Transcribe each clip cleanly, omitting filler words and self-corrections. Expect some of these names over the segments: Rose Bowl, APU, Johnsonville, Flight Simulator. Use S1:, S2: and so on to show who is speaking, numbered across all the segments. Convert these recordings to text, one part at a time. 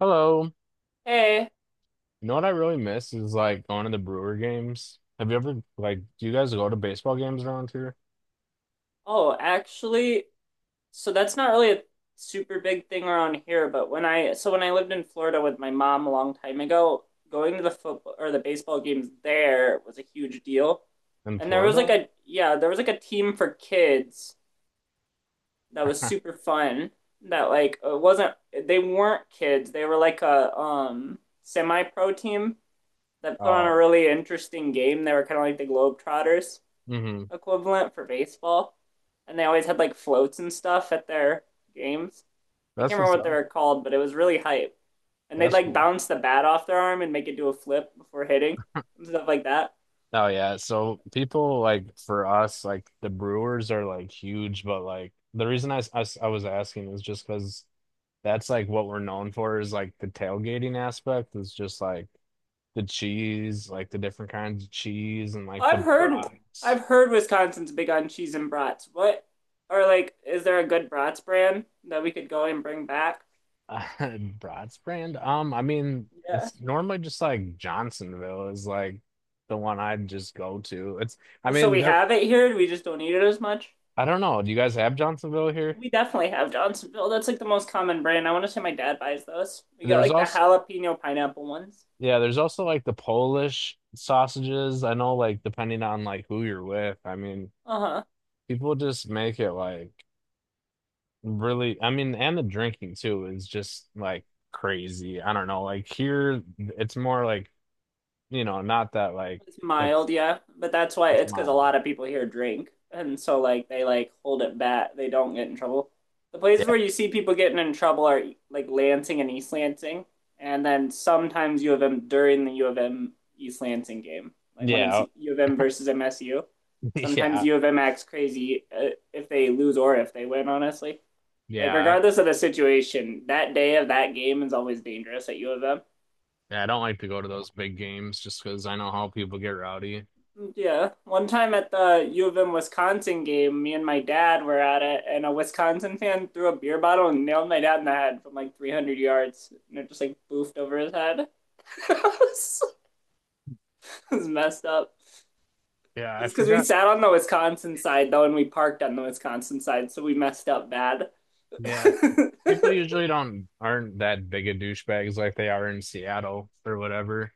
S1: Hello.
S2: Hey.
S1: You know what I really miss is like going to the Brewer games. Have you ever like Do you guys go to baseball games around here
S2: Actually, that's not really a super big thing around here, but when I lived in Florida with my mom a long time ago, going to the football or the baseball games there was a huge deal.
S1: in
S2: And there was like
S1: Florida?
S2: a yeah, there was like a team for kids that was super fun that like it wasn't they weren't kids. They were like a semi-pro team that put on
S1: Oh,
S2: a really interesting game. They were kind of like the Globetrotters
S1: mm-hmm.
S2: equivalent for baseball, and they always had like floats and stuff at their games. I can't
S1: That's what's
S2: remember what they
S1: up.
S2: were called, but it was really hype. And they'd
S1: That's
S2: like
S1: cool.
S2: bounce the bat off their arm and make it do a flip before hitting and stuff like that.
S1: Oh yeah. So people like for us, like the Brewers are like huge, but like the reason I was asking is just because that's like what we're known for is like the tailgating aspect is just like the cheese, like the different kinds of cheese and like the
S2: I've heard
S1: brats.
S2: I've heard Wisconsin's big on cheese and brats. What or like is there a good brats brand that we could go and bring back?
S1: Uh, Bratz brand? I mean,
S2: Yeah.
S1: it's normally just like Johnsonville is like the one I'd just go to. I
S2: So
S1: mean,
S2: we have it here, we just don't eat it as much.
S1: I don't know. Do you guys have Johnsonville here?
S2: We definitely have Johnsonville. That's like the most common brand. I want to say my dad buys those. We get
S1: There's
S2: like the
S1: also,
S2: jalapeno pineapple ones.
S1: yeah, there's also like the Polish sausages. I know, like, depending on like who you're with, I mean,
S2: Uh-huh.
S1: people just make it like really, I mean, and the drinking too is just like crazy. I don't know. Like here, it's more like, you know, not that like
S2: It's
S1: it's,
S2: mild, yeah. But that's why,
S1: it's
S2: it's because a
S1: mine.
S2: lot of people here drink. And so like they like hold it back. They don't get in trouble. The places
S1: Yeah.
S2: where you see people getting in trouble are like Lansing and East Lansing. And then sometimes U of M during the U of M East Lansing game. Like when it's
S1: Yeah,
S2: U of M versus MSU. Sometimes
S1: Yeah.
S2: U of M acts crazy if they lose or if they win, honestly. Like
S1: Yeah,
S2: regardless of the situation, that day of that game is always dangerous at U of M.
S1: I don't like to go to those big games just because I know how people get rowdy.
S2: Yeah, one time at the U of M Wisconsin game, me and my dad were at it, and a Wisconsin fan threw a beer bottle and nailed my dad in the head from like 300 yards, and it just like boofed over his head. It was, it was messed up.
S1: Yeah,
S2: It
S1: I
S2: was because we
S1: forgot.
S2: sat on the Wisconsin side though, and we parked on the Wisconsin side, so we messed up bad.
S1: Yeah, people usually don't aren't that big of douchebags like they are in Seattle or whatever.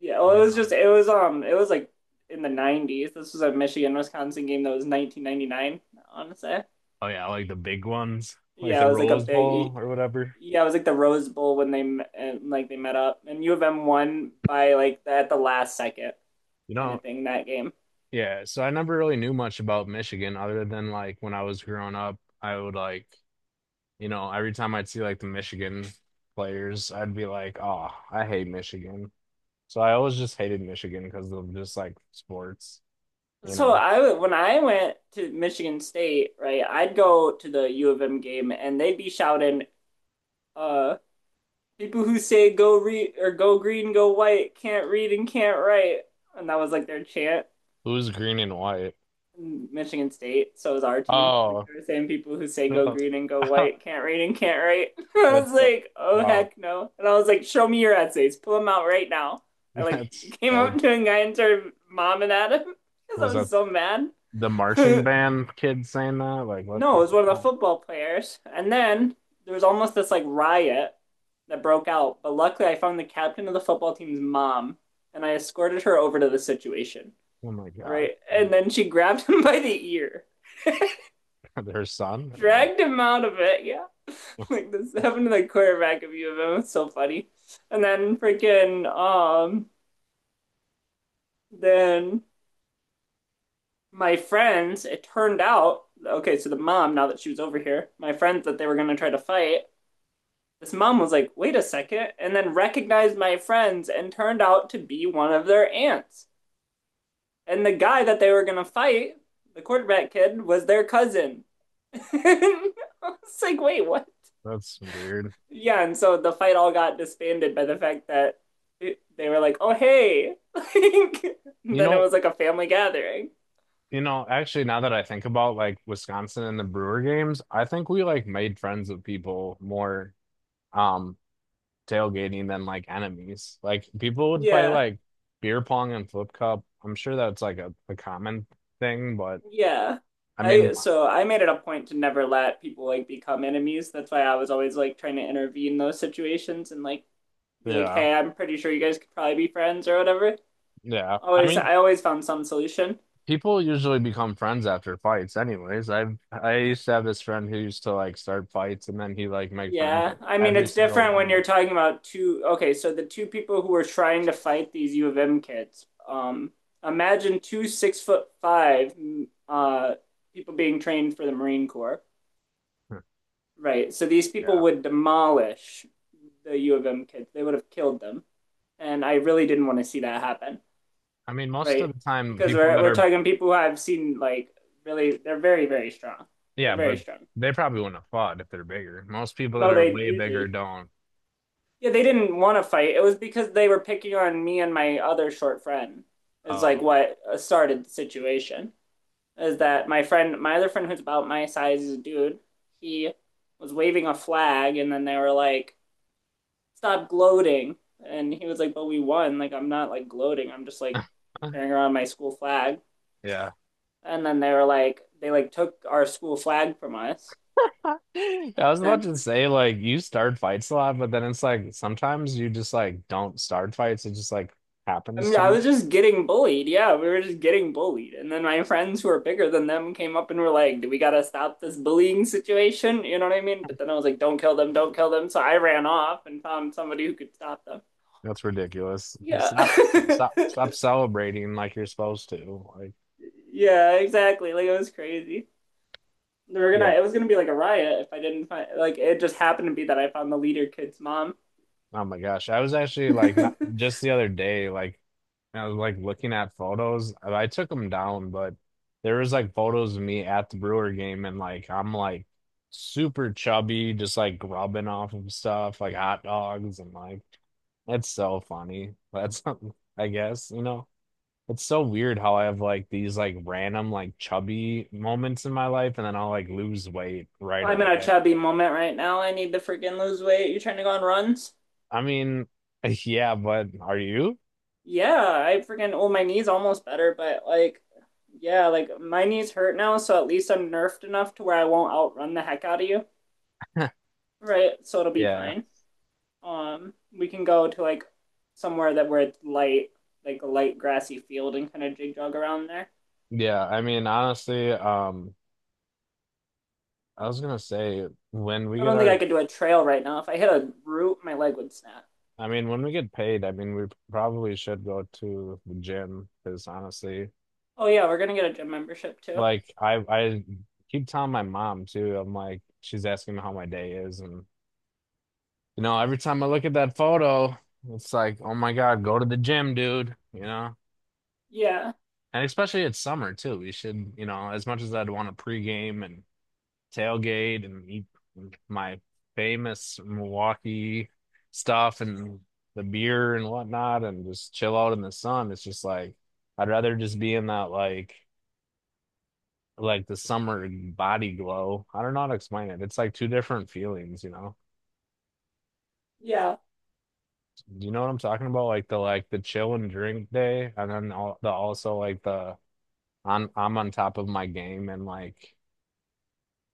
S2: Yeah, well, it
S1: You
S2: was
S1: know.
S2: just it was like in the 90s. This was a Michigan Wisconsin game that was 1999, I want to say.
S1: Oh yeah, like the big ones, like
S2: Yeah,
S1: the
S2: it was like a
S1: Rose Bowl
S2: big,
S1: or whatever.
S2: yeah, it was like the Rose Bowl when they met up, and U of M won by like at the last second
S1: You
S2: kind
S1: know.
S2: of thing that game.
S1: Yeah, so I never really knew much about Michigan other than like when I was growing up, I would like, you know, every time I'd see like the Michigan players, I'd be like, "Oh, I hate Michigan." So I always just hated Michigan because of just like sports, you
S2: So
S1: know.
S2: I when I went to Michigan State, right, I'd go to the U of M game, and they'd be shouting, "Uh, people who say go read or go green, go white can't read and can't write," and that was like their chant.
S1: Who's green and white?
S2: Michigan State, so is our team. Like
S1: Oh,
S2: they're the same people who say go
S1: no.
S2: green and go white, can't read and can't write. I was
S1: That's so,
S2: like, oh
S1: wow.
S2: heck no. And I was like, show me your essays, pull them out right now. I like
S1: That's
S2: came
S1: oh,
S2: up to a guy and turned mom and at him because I
S1: was
S2: was
S1: that
S2: so mad.
S1: the
S2: No,
S1: marching
S2: it
S1: band kid saying that? Like what?
S2: was one of the
S1: Oh,
S2: football players. And then there was almost this like riot that broke out. But luckily, I found the captain of the football team's mom and I escorted her over to the situation.
S1: oh my God,
S2: Right. And then she grabbed him by the ear,
S1: their son or
S2: dragged him out of it. Yeah.
S1: what?
S2: Like this happened to the quarterback of U of M. It's so funny. And then freaking then my friends, it turned out okay, so the mom, now that she was over here, my friends that they were gonna try to fight, this mom was like, "Wait a second!" and then recognized my friends and turned out to be one of their aunts. And the guy that they were gonna fight, the quarterback kid, was their cousin. I was like, wait, what?
S1: That's weird.
S2: Yeah, and so the fight all got disbanded by the fact that they were like, "Oh, hey!"
S1: You
S2: Then it
S1: know,
S2: was like a family gathering.
S1: You know, actually, now that I think about like Wisconsin and the Brewer games, I think we like made friends with people more um tailgating than like enemies. Like people would play
S2: Yeah,
S1: like beer pong and flip cup. I'm sure that's like a common thing, but
S2: yeah.
S1: I
S2: I
S1: mean,
S2: so I made it a point to never let people like become enemies. That's why I was always like trying to intervene in those situations and like be like,
S1: yeah,
S2: "Hey, I'm pretty sure you guys could probably be friends or whatever."
S1: yeah. I mean,
S2: I always found some solution.
S1: people usually become friends after fights anyways. I used to have this friend who used to like start fights and then he like make friends
S2: Yeah,
S1: with
S2: I mean
S1: every
S2: it's
S1: single
S2: different when
S1: one.
S2: you're talking about two. Okay, so the two people who were trying to fight these U of M kids. Imagine two six foot five uh, people being trained for the Marine Corps, right? So these
S1: Yeah.
S2: people would demolish the U of M kids. They would have killed them, and I really didn't want to see that happen,
S1: I mean, most
S2: right?
S1: of the time,
S2: Because
S1: people
S2: we're
S1: that
S2: we're
S1: are
S2: talking people who I've seen like really, they're very strong. They're
S1: Yeah,
S2: very
S1: but
S2: strong.
S1: they probably wouldn't have fought if they're bigger. Most people that
S2: No,
S1: are
S2: they
S1: way bigger
S2: usually,
S1: don't.
S2: yeah, they didn't want to fight. It was because they were picking on me and my other short friend. Is like
S1: Oh,
S2: what started the situation. Is that my friend, my other friend who's about my size is a dude. He was waving a flag and then they were like, "Stop gloating." And he was like, "But we won. Like I'm not like gloating. I'm just like carrying around my school flag."
S1: yeah.
S2: And then they were like, they like took our school flag from us.
S1: I was about
S2: And
S1: to
S2: then
S1: say, like, you start fights a lot, but then it's like sometimes you just like don't start fights. It just like
S2: I
S1: happens
S2: mean,
S1: to
S2: I
S1: you.
S2: was just getting bullied. Yeah, we were just getting bullied. And then my friends who are bigger than them came up and were like, "Do we gotta stop this bullying situation?" You know what I mean? But then I was like, "Don't kill them, don't kill them." So I ran off and found somebody who could stop them.
S1: That's ridiculous.
S2: Yeah.
S1: Stop, stop, stop celebrating like you're supposed to. Like,
S2: Yeah, exactly. Like it was crazy. They were gonna,
S1: yeah.
S2: it was gonna be like a riot if I didn't find, like it just happened to be that I found the leader kid's mom.
S1: Oh my gosh. I was actually like not
S2: I'm
S1: just the other day, like I was like looking at photos. I took them down, but there was like photos of me at the Brewer game and like I'm like super chubby, just like grubbing off of stuff, like hot dogs and like that's so funny. That's I guess, you know. It's so weird how I have like these like random like chubby moments in my life and then I'll like lose weight right
S2: in a
S1: away.
S2: chubby moment right now. I need to freaking lose weight. You trying to go on runs?
S1: I mean, yeah, but are you?
S2: Yeah, I freaking, well, my knee's almost better, but like, yeah, like my knees hurt now, so at least I'm nerfed enough to where I won't outrun the heck out of you, right? So it'll be
S1: Yeah.
S2: fine. Um, we can go to like somewhere that where it's light, like a light grassy field and kind of jig jog around there.
S1: Yeah, I mean, honestly, I was gonna say when we
S2: I
S1: get
S2: don't think
S1: our,
S2: I could do a trail right now. If I hit a root, my leg would snap.
S1: I mean, when we get paid, I mean, we probably should go to the gym because honestly,
S2: Oh yeah, we're gonna get a gym membership too.
S1: like I keep telling my mom too. I'm like, she's asking me how my day is, and you know, every time I look at that photo, it's like, oh my God, go to the gym, dude. You know,
S2: Yeah,
S1: and especially it's summer too. We should, you know, as much as I'd want to pregame and. Tailgate and eat my famous Milwaukee stuff and the beer and whatnot and just chill out in the sun. It's just like I'd rather just be in that like the summer body glow. I don't know how to explain it. It's like two different feelings, you know.
S2: yeah.
S1: Do you know what I'm talking about? Like the chill and drink day and then all the also like the I'm on top of my game and like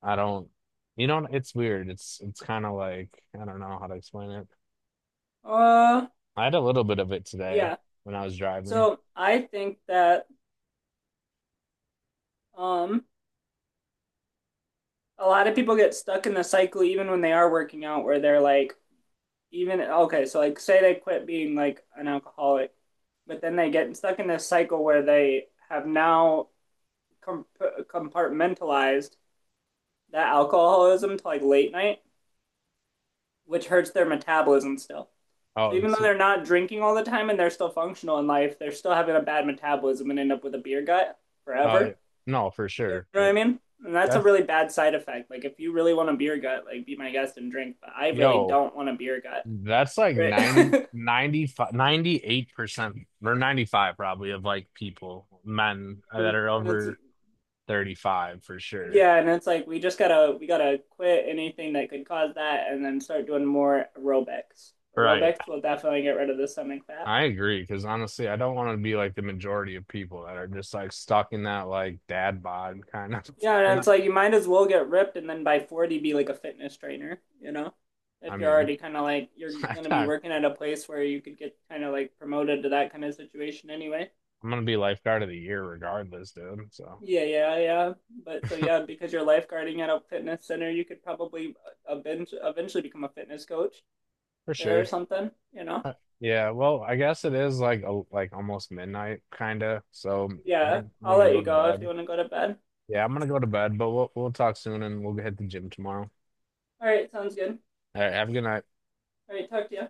S1: I don't you know it's weird. It's kind of like I don't know how to explain it.
S2: Uh,
S1: I had a little bit of it today
S2: yeah.
S1: when I was driving.
S2: So I think that um a lot of people get stuck in the cycle even when they are working out where they're like, even, okay, so like say they quit being like an alcoholic, but then they get stuck in this cycle where they have now com- compartmentalized that alcoholism to like late night, which hurts their metabolism still, so
S1: Oh,
S2: even though they're not drinking all the time and they're still functional in life, they're still having a bad metabolism and end up with a beer gut
S1: oh,
S2: forever.
S1: no, for
S2: You know
S1: sure.
S2: what I mean? And that's a
S1: That's,
S2: really bad side effect. Like if you really want a beer gut, like be my guest and drink. But I really
S1: yo,
S2: don't want a beer gut.
S1: that's like 90,
S2: Right?
S1: 95, 98% or 95 probably of like people, men that
S2: And
S1: are
S2: it's-
S1: over 35 for sure.
S2: yeah, and it's like we gotta quit anything that could cause that, and then start doing more aerobics.
S1: Right.
S2: Aerobics will definitely get rid of the stomach fat.
S1: I agree. Cause honestly, I don't want to be like the majority of people that are just like stuck in that like dad bod kind of.
S2: Yeah,
S1: When
S2: and
S1: I,
S2: it's like you might as well get ripped, and then by forty be like a fitness trainer. You know,
S1: I
S2: if you're
S1: mean,
S2: already kind of like, you're gonna be
S1: I'm
S2: working at a place where you could get kind of like promoted to that kind of situation anyway.
S1: gonna be lifeguard of the year regardless, dude. So
S2: Yeah, yeah, yeah. But so yeah, because you're lifeguarding at a fitness center, you could probably eventually become a fitness coach
S1: for
S2: there or
S1: sure.
S2: something, you know?
S1: Uh, Yeah, well, I guess it is like like almost midnight kind of. So I
S2: Yeah,
S1: think I'm
S2: I'll
S1: gonna
S2: let
S1: go
S2: you
S1: to
S2: go if you
S1: bed.
S2: want to go to bed.
S1: Yeah, I'm gonna go to bed, but we'll talk soon and we'll hit the gym tomorrow.
S2: All right, sounds good.
S1: All right, have a good night.
S2: All right, talk to you.